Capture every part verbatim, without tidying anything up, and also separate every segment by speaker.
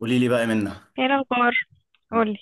Speaker 1: قولي لي بقى منه.
Speaker 2: ايه الاخبار؟
Speaker 1: انا،
Speaker 2: قولي.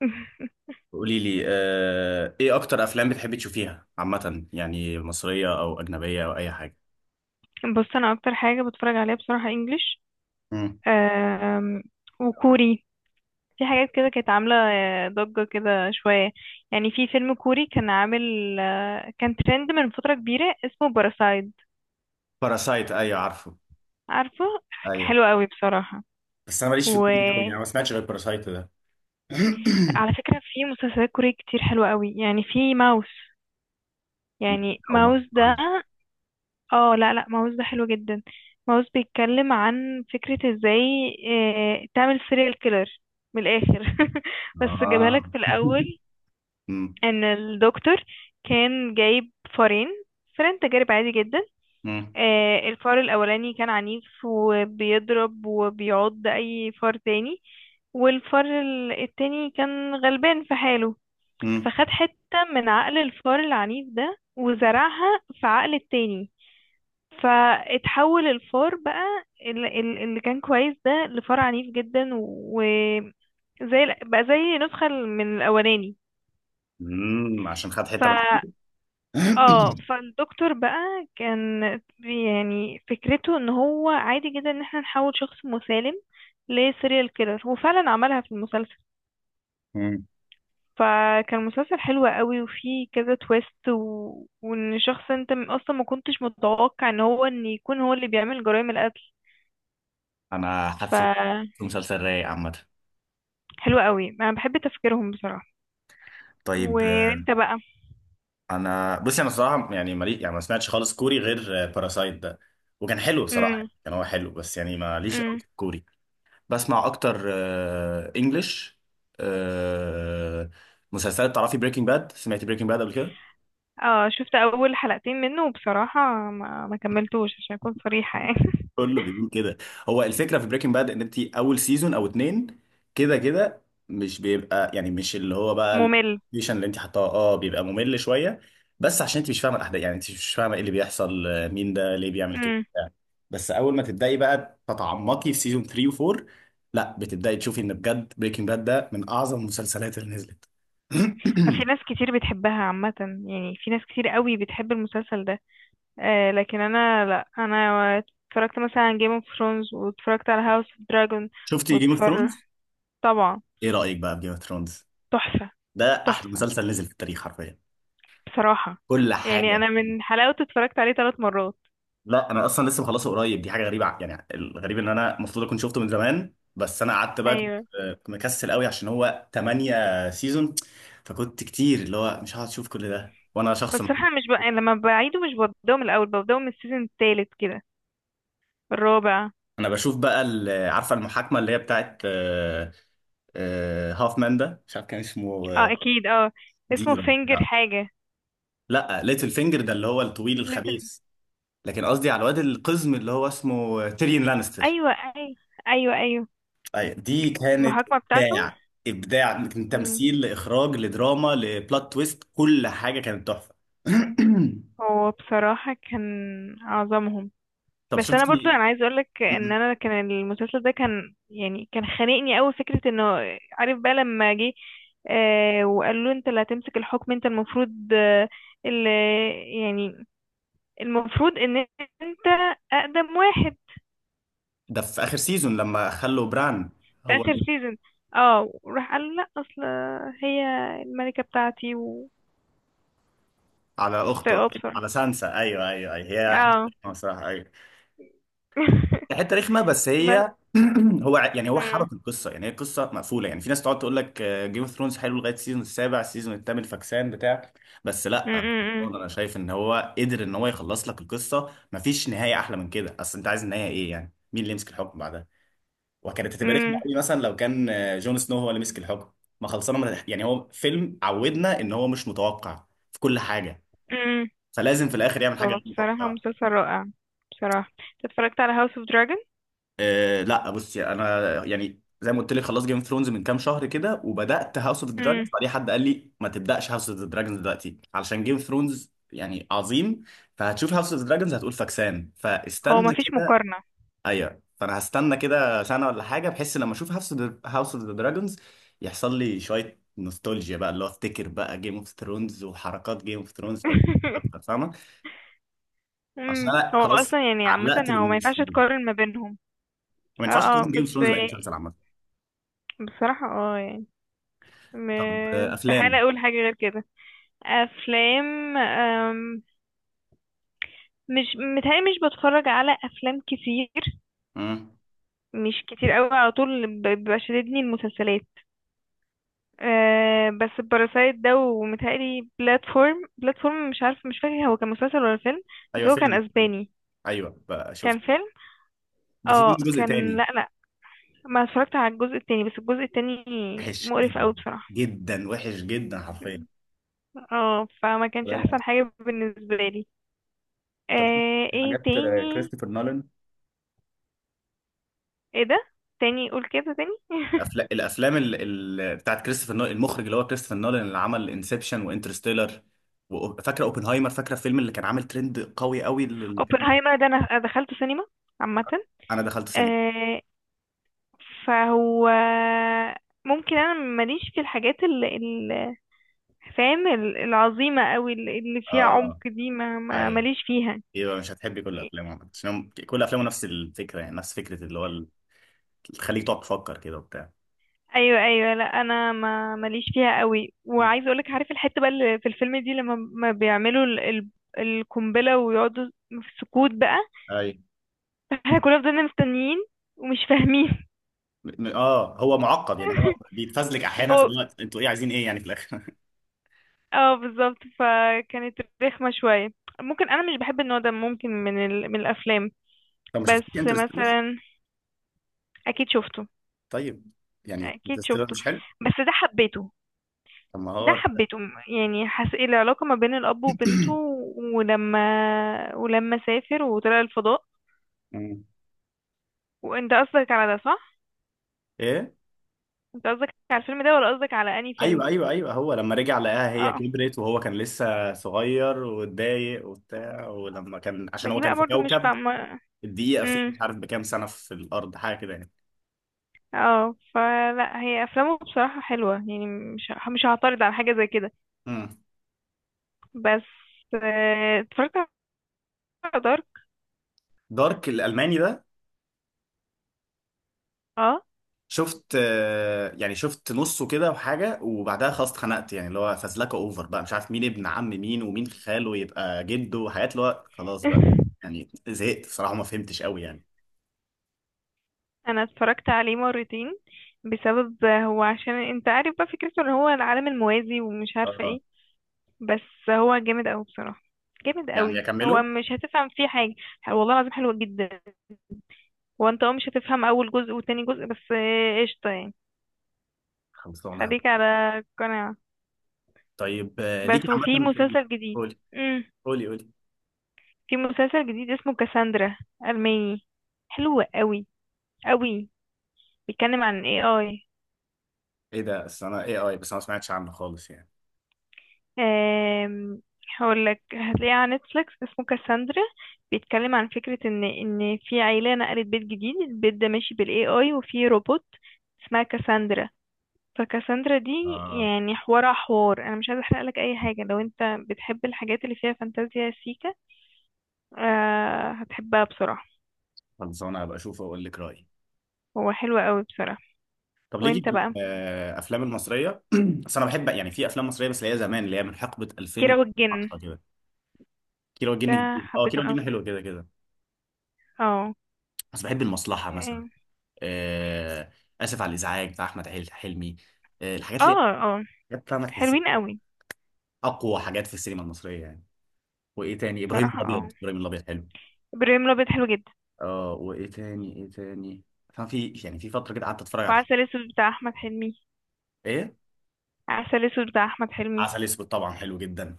Speaker 1: قولي لي، آه... ايه اكتر افلام بتحبي تشوفيها عامه؟ يعني مصريه او اجنبيه او اي حاجه.
Speaker 2: بص، انا اكتر حاجه بتفرج عليها بصراحه انجليش،
Speaker 1: امم.
Speaker 2: أم، وكوري. في حاجات كده كانت عامله آه، ضجه كده شويه. يعني في فيلم كوري كان عامل، آه، كان ترند من فتره كبيره اسمه باراسايد.
Speaker 1: باراسايت، ايوه عارفه.
Speaker 2: عارفه،
Speaker 1: ايوه،
Speaker 2: حلو قوي بصراحه.
Speaker 1: بس انا ماليش في الكوري قوي
Speaker 2: وعلى
Speaker 1: يعني، ما سمعتش غير باراسايت ده.
Speaker 2: فكره في مسلسلات كوري كتير حلوه قوي، يعني في ماوس. يعني
Speaker 1: او ما
Speaker 2: ماوس ده،
Speaker 1: عنه.
Speaker 2: اه لا لا، ماوس ده حلو جدا. ماوس بيتكلم عن فكرة ازاي آه، تعمل سيريال كيلر من الاخر. بس جابها
Speaker 1: اه
Speaker 2: لك في الاول،
Speaker 1: امم.
Speaker 2: ان الدكتور كان جايب فارين، فارين تجارب عادي جدا.
Speaker 1: امم.
Speaker 2: آه، الفار الاولاني كان عنيف وبيضرب وبيعض اي فار تاني، والفار ال- التاني كان غلبان في حاله.
Speaker 1: امم.
Speaker 2: فخد حتة من عقل الفار العنيف ده وزرعها في عقل التاني. فاتحول الفار بقى ال- ال- اللي كان كويس ده لفار عنيف جدا، وزي ال- بقى زي نسخة من الأولاني.
Speaker 1: أمم، عشان خد
Speaker 2: ف
Speaker 1: حته من.
Speaker 2: اه، فالدكتور بقى كان، بي- يعني فكرته ان هو عادي جدا ان احنا نحول شخص مسالم لسيريال كيلر، وفعلا عملها في المسلسل.
Speaker 1: أمم،
Speaker 2: فكان مسلسل حلو قوي وفيه كذا تويست، و... وان شخص انت م- اصلا ما كنتش متوقع ان هو ان يكون هو اللي بيعمل جرائم القتل.
Speaker 1: انا
Speaker 2: ف
Speaker 1: حاسه مسلسل رايق عامه.
Speaker 2: حلو قوي، انا بحب تفكيرهم بصراحة.
Speaker 1: طيب.
Speaker 2: وانت بقى؟
Speaker 1: انا بصي، انا صراحه يعني مالي، يعني ما سمعتش خالص كوري غير باراسايت ده. وكان حلو بصراحه،
Speaker 2: امم.
Speaker 1: يعني كان هو حلو بس يعني ماليش قوي
Speaker 2: امم.
Speaker 1: في الكوري. بسمع اكتر انجلش مسلسلات. تعرفي بريكنج باد؟ سمعتي بريكنج باد قبل كده؟
Speaker 2: اه شفت اول حلقتين منه، وبصراحة ما, ما كملتوش عشان اكون صريحة يعني.
Speaker 1: كله بيقول كده. هو الفكره في بريكنج باد ان انت اول سيزون او اتنين كده كده مش بيبقى، يعني مش اللي هو بقى
Speaker 2: ممل.
Speaker 1: الفيشن اللي انت حطاه، اه بيبقى ممل شويه. بس عشان انت مش فاهمه الاحداث، يعني انت مش فاهمه ايه اللي بيحصل، آه، مين ده، ليه بيعمل كده،
Speaker 2: امم.
Speaker 1: بتاع. بس اول ما تبداي بقى تتعمقي في سيزون ثلاثة و4، لا بتبداي تشوفي ان بجد بريكنج باد ده من اعظم المسلسلات اللي نزلت.
Speaker 2: في ناس كتير بتحبها عامة، يعني في ناس كتير قوي بتحب المسلسل ده. آه، لكن انا لا، انا اتفرجت مثلا على جيم اوف ثرونز، واتفرجت على هاوس اوف دراجون
Speaker 1: شفتي جيم اوف
Speaker 2: واتفر
Speaker 1: ثرونز؟
Speaker 2: طبعا.
Speaker 1: ايه رايك بقى في جيم اوف ثرونز؟
Speaker 2: تحفة.
Speaker 1: ده احلى
Speaker 2: تحفة
Speaker 1: مسلسل نزل في التاريخ حرفيا.
Speaker 2: بصراحة،
Speaker 1: كل
Speaker 2: يعني
Speaker 1: حاجه.
Speaker 2: انا من حلاوته اتفرجت عليه ثلاث مرات.
Speaker 1: لا، انا اصلا لسه مخلصه قريب. دي حاجه غريبه، ع- يعني الغريب ان انا المفروض اكون شفته من زمان، بس انا قعدت بقى، كنت
Speaker 2: ايوه.
Speaker 1: كنت مكسل قوي عشان هو ثمانية سيزون، فكنت كتير اللي هو مش هقعد اشوف كل ده، وانا شخص
Speaker 2: بس
Speaker 1: م-
Speaker 2: احنا مش بقى لما بعيده مش ببدأه من الاول، ببدأه من السيزون التالت كده، الرابع.
Speaker 1: انا بشوف بقى ال- عارفه المحاكمه اللي هي بتاعت آه، آه، هافمان ده، مش عارف كان اسمه
Speaker 2: اه
Speaker 1: آه،
Speaker 2: اكيد اه.
Speaker 1: دي
Speaker 2: اسمه
Speaker 1: ولا
Speaker 2: فينجر
Speaker 1: بتاع.
Speaker 2: حاجة.
Speaker 1: لا ليتل فينجر ده اللي هو الطويل
Speaker 2: ليتل.
Speaker 1: الخبيث. لكن قصدي على الواد القزم اللي هو اسمه تيريون لانستر.
Speaker 2: ايوه ايوه، ايوه ايوه،
Speaker 1: ايوه، دي كانت
Speaker 2: المحاكمة بتاعته.
Speaker 1: ابداع. ابداع من
Speaker 2: مم.
Speaker 1: تمثيل لاخراج لدراما لبلوت تويست. كل حاجه كانت تحفه.
Speaker 2: هو بصراحة كان اعظمهم.
Speaker 1: طب
Speaker 2: بس انا برضو
Speaker 1: شفتي؟
Speaker 2: انا عايز اقولك ان انا كان المسلسل ده كان يعني كان خانقني قوي فكرة انه، عارف بقى لما جه آه وقالوا له انت اللي هتمسك الحكم، انت المفروض آه اللي، يعني المفروض ان انت اقدم واحد.
Speaker 1: ده في اخر سيزون لما خلوا بران
Speaker 2: في
Speaker 1: هو
Speaker 2: اخر
Speaker 1: اللي-
Speaker 2: سيزون. اه وراح قال لا، اصل هي الملكة بتاعتي وكنتش
Speaker 1: على اخته،
Speaker 2: طايقاها بصراحة.
Speaker 1: على سانسا. ايوه، ايوه، ايوه، هي
Speaker 2: اه.
Speaker 1: حته صراحه، حته رخمه، بس
Speaker 2: بس.
Speaker 1: هي. هو ع- يعني هو
Speaker 2: مم.
Speaker 1: حبك القصه، يعني هي قصه مقفوله. يعني في ناس تقعد تقول لك جيم اوف ثرونز حلو لغايه السيزون السابع، السيزون الثامن فكسان بتاع. بس
Speaker 2: مم.
Speaker 1: لا،
Speaker 2: مم.
Speaker 1: انا شايف ان هو قدر ان هو يخلص لك القصه. مفيش نهايه احلى من كده. اصل انت عايز النهايه ايه؟ يعني مين اللي يمسك الحكم بعدها؟ وكانت هتبقى رخمه
Speaker 2: مم.
Speaker 1: قوي مثلا لو كان آه، جون سنو هو اللي مسك الحكم. ما خلصنا من الح- يعني هو فيلم عودنا ان هو مش متوقع في كل حاجه،
Speaker 2: مم.
Speaker 1: فلازم في الاخر يعمل حاجه
Speaker 2: هو
Speaker 1: غير
Speaker 2: بصراحة
Speaker 1: متوقعه.
Speaker 2: مسلسل رائع. بصراحة انت اتفرجت على هاوس اوف دراجون؟
Speaker 1: آه لا بصي، انا يعني زي ما قلت لك خلاص جيم اوف ثرونز من كام شهر كده، وبدات هاوس اوف دراجونز.
Speaker 2: مم.
Speaker 1: بعدين حد قال لي ما تبداش هاوس اوف دراجونز دلوقتي علشان جيم اوف ثرونز يعني عظيم، فهتشوف هاوس اوف دراجونز هتقول فاكسان.
Speaker 2: هو
Speaker 1: فاستنى
Speaker 2: مفيش
Speaker 1: كده.
Speaker 2: مقارنة.
Speaker 1: ايوه فانا هستنى كده سنه ولا حاجه، بحس لما اشوف هاوس هاوس اوف دراجونز يحصل لي شويه نوستالجيا بقى، اللي هو افتكر بقى جيم اوف ثرونز وحركات جيم اوف ثرونز. طب اكتر فاهمه. عشان
Speaker 2: مم.
Speaker 1: انا
Speaker 2: هو
Speaker 1: خلاص
Speaker 2: اصلا يعني عامة
Speaker 1: علقت
Speaker 2: هو ما ينفعش
Speaker 1: بالممثلين،
Speaker 2: تقارن ما بينهم.
Speaker 1: ما
Speaker 2: اه
Speaker 1: ينفعش
Speaker 2: اه.
Speaker 1: اقارن جيم
Speaker 2: بس
Speaker 1: اوف ثرونز باي مسلسل عامه.
Speaker 2: بصراحة اه، يعني م-
Speaker 1: طب آه،
Speaker 2: استحالة
Speaker 1: افلام.
Speaker 2: اقول حاجة غير كده. افلام. مش متهيألي مش بتفرج على افلام كتير،
Speaker 1: امم.
Speaker 2: مش كتير قوي على طول. ب- بيبقى شاددني المسلسلات. أه، بس باراسايت ده ومتهيألي بلاتفورم. بلاتفورم مش عارف، مش فاكر هو كان مسلسل ولا فيلم. بس
Speaker 1: ايوه
Speaker 2: هو كان
Speaker 1: فيلم.
Speaker 2: اسباني،
Speaker 1: ايوه بقى
Speaker 2: كان
Speaker 1: شفت.
Speaker 2: فيلم.
Speaker 1: ده في منه
Speaker 2: اه
Speaker 1: جزء
Speaker 2: كان،
Speaker 1: تاني
Speaker 2: لا لا، ما اتفرجت على الجزء التاني. بس الجزء التاني
Speaker 1: وحش
Speaker 2: مقرف
Speaker 1: جدا.
Speaker 2: قوي بصراحة.
Speaker 1: جدا وحش جدا حرفيا
Speaker 2: اه، فما كانش
Speaker 1: يعني.
Speaker 2: احسن حاجة بالنسبة لي.
Speaker 1: طب
Speaker 2: أه ايه
Speaker 1: حاجات آه،
Speaker 2: تاني؟
Speaker 1: كريستوفر نولان.
Speaker 2: ايه ده؟ تاني قول كده تاني.
Speaker 1: الافلام، الافلام ال... ال... بتاعت كريستوفر نولان، المخرج اللي هو كريستوفر نولان اللي عمل انسبشن وانترستيلر، وفاكره اوبنهايمر، فاكره الفيلم اللي كان عامل ترند قوي قوي، اللي كان
Speaker 2: اوبنهايمر ده انا دخلته سينما. عامة
Speaker 1: انا دخلت سينما.
Speaker 2: آه، فهو، ممكن انا ماليش في الحاجات اللي اللي- فاهم ال- العظيمه قوي اللي اللي فيها عمق
Speaker 1: اه،
Speaker 2: دي، ما ما-
Speaker 1: ايوه،
Speaker 2: ماليش فيها.
Speaker 1: يبقى مش هتحبي كل افلامه عشان هم- كل افلامه نفس الفكره، يعني نفس فكره اللي هو ال- تخليك تقعد تفكر كده وبتاع.
Speaker 2: ايوه ايوه. لا انا ما ماليش فيها قوي، وعايزه اقولك، عارف الحته بقى اللي في الفيلم دي لما ما بيعملوا ال- ال- القنبله ويقعدوا في سكوت بقى،
Speaker 1: اي.
Speaker 2: احنا كلنا فضلنا مستنيين ومش فاهمين.
Speaker 1: م- اه هو معقد يعني. هو بيتفزلك احيانا في
Speaker 2: هو
Speaker 1: الوقت. انتوا ايه عايزين؟ ايه يعني في الاخر.
Speaker 2: اه بالظبط، فكانت رخمه شويه. ممكن انا مش بحب النوع ده، ممكن من ال... من الافلام.
Speaker 1: طب ما شفتيش
Speaker 2: بس
Speaker 1: انترستيلر؟
Speaker 2: مثلا، اكيد شفته،
Speaker 1: طيب، يعني
Speaker 2: اكيد
Speaker 1: انترستيلر
Speaker 2: شفته،
Speaker 1: مش حلو؟
Speaker 2: بس ده حبيته.
Speaker 1: طب ما
Speaker 2: ده
Speaker 1: هو.
Speaker 2: حبيته يعني، حس العلاقة ما بين الاب وبنته، ولما ولما سافر وطلع الفضاء.
Speaker 1: مم.
Speaker 2: وانت قصدك على ده صح؟
Speaker 1: ايه.
Speaker 2: انت قصدك على الفيلم ده ولا قصدك على انهي فيلم؟
Speaker 1: ايوه ايوه ايوه، هو لما رجع لقاها هي
Speaker 2: اه،
Speaker 1: كبرت وهو كان لسه صغير واتضايق وبتاع، ولما كان عشان
Speaker 2: ما
Speaker 1: هو
Speaker 2: دي
Speaker 1: كان
Speaker 2: بقى
Speaker 1: في
Speaker 2: برضو مش
Speaker 1: كوكب
Speaker 2: فاهمة.
Speaker 1: الدقيقه فيه
Speaker 2: امم.
Speaker 1: مش عارف بكام سنه في الارض، حاجه كده يعني.
Speaker 2: اه فلا، هي افلامه بصراحة حلوة يعني، مش مش هعترض على حاجة زي كده.
Speaker 1: مم.
Speaker 2: بس آه، اتفرجت على دارك.
Speaker 1: دارك الالماني ده؟
Speaker 2: اه.
Speaker 1: شفت آه، يعني شفت نصه كده وحاجة، وبعدها خلاص اتخنقت يعني. اللي هو فزلكة اوفر بقى، مش عارف مين ابن عم مين ومين خاله يبقى جده، وحاجات اللي هو خلاص بقى. يعني زهقت بصراحة، ما فهمتش قوي يعني.
Speaker 2: انا اتفرجت عليه مرتين بسبب هو، عشان انت عارف بقى فكرته ان هو العالم الموازي ومش عارفه
Speaker 1: اه
Speaker 2: ايه. بس هو جامد قوي بصراحه، جامد
Speaker 1: يعني
Speaker 2: قوي. هو
Speaker 1: اكمله.
Speaker 2: مش هتفهم فيه حاجه، والله العظيم حلو جدا. وانت اه مش هتفهم اول جزء وتاني جزء، بس آه، قشطه يعني.
Speaker 1: خلصانة.
Speaker 2: خليك على قناعه.
Speaker 1: طيب آه، ليكي
Speaker 2: بس وفي
Speaker 1: عامة في ال-
Speaker 2: مسلسل جديد.
Speaker 1: قولي.
Speaker 2: امم.
Speaker 1: قولي قولي
Speaker 2: في مسلسل جديد اسمه كاساندرا، الماني، حلو قوي قوي. بيتكلم عن اي اي.
Speaker 1: ايه ده؟ اصل انا اي اي، بس انا ما سمعتش عنه خالص يعني.
Speaker 2: آم، هقولك هتلاقيه على نتفليكس، اسمه كاساندرا. بيتكلم عن فكرة ان ان في عيلة نقلت بيت جديد، البيت ده ماشي بالاي اي، وفي روبوت اسمها كاساندرا. فكاساندرا دي
Speaker 1: اه
Speaker 2: يعني، حوار حوار انا مش عايزة احرقلك اي حاجة. لو انت بتحب الحاجات اللي فيها فانتازيا سيكا، آه هتحبها بصراحة.
Speaker 1: خلصانة، هبقى اشوفه واقول لك رأيي.
Speaker 2: هو حلو قوي بصراحة.
Speaker 1: طب ليكي
Speaker 2: وانت
Speaker 1: في
Speaker 2: بقى؟
Speaker 1: الافلام المصرية؟ بس انا بحب يعني في افلام مصرية بس اللي هي زمان، اللي هي من حقبة
Speaker 2: كيرة والجن
Speaker 1: ألفين وعشرة كده. كيلو الجن
Speaker 2: ده
Speaker 1: جديد. اه
Speaker 2: حبيته
Speaker 1: كيلو
Speaker 2: قوي.
Speaker 1: الجن حلو كده كده.
Speaker 2: اه
Speaker 1: بس بحب المصلحه مثلا. آه اسف على الازعاج بتاع احمد حل- حلمي. آه الحاجات
Speaker 2: اه
Speaker 1: اللي
Speaker 2: اه.
Speaker 1: حاجات فاهمه تحسها،
Speaker 2: حلوين قوي
Speaker 1: اقوى حاجات في السينما المصريه يعني. وايه تاني؟ ابراهيم
Speaker 2: بصراحة.
Speaker 1: الابيض.
Speaker 2: اه.
Speaker 1: ابراهيم الابيض حلو.
Speaker 2: ابراهيم الابيض حلو جدا.
Speaker 1: اه، وايه تاني؟ ايه تاني؟ فاهم في يعني في فتره كده قعدت اتفرج على حاجات.
Speaker 2: وعسل اسود بتاع احمد حلمي.
Speaker 1: ايه؟
Speaker 2: عسل اسود بتاع احمد حلمي.
Speaker 1: عسل اسود طبعا حلو جدا.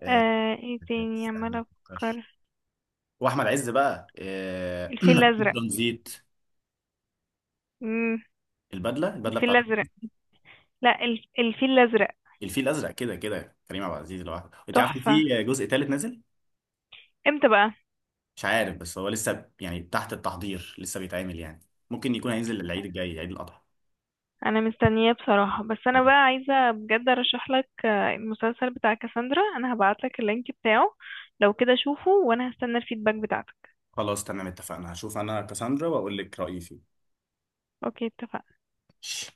Speaker 1: آه
Speaker 2: آه ايه تاني
Speaker 1: استنى
Speaker 2: عمالة
Speaker 1: مفكرش.
Speaker 2: افكر.
Speaker 1: واحمد عز بقى آه،
Speaker 2: الفيل الازرق.
Speaker 1: ترانزيت.
Speaker 2: امم.
Speaker 1: البدله، البدله
Speaker 2: الفيل
Speaker 1: بتاعته.
Speaker 2: الازرق. لا الف... الفيل الازرق
Speaker 1: الفيل الازرق كده كده. كريم عبد العزيز لوحده. انت عارف إن
Speaker 2: تحفة.
Speaker 1: في جزء ثالث نازل؟
Speaker 2: امتى بقى؟
Speaker 1: مش عارف بس هو لسه يعني تحت التحضير، لسه بيتعمل يعني، ممكن يكون هينزل العيد الجاي، عيد الأضحى.
Speaker 2: انا مستنية بصراحة. بس انا بقى عايزة بجد ارشح لك آه، المسلسل بتاع كاساندرا. انا هبعت لك اللينك بتاعه، لو كده شوفه، وانا هستنى الفيدباك بتاعتك.
Speaker 1: خلاص تمام اتفقنا. هشوف انا كاساندرا واقول لك رأيي
Speaker 2: اوكي، اتفقنا.
Speaker 1: فيه.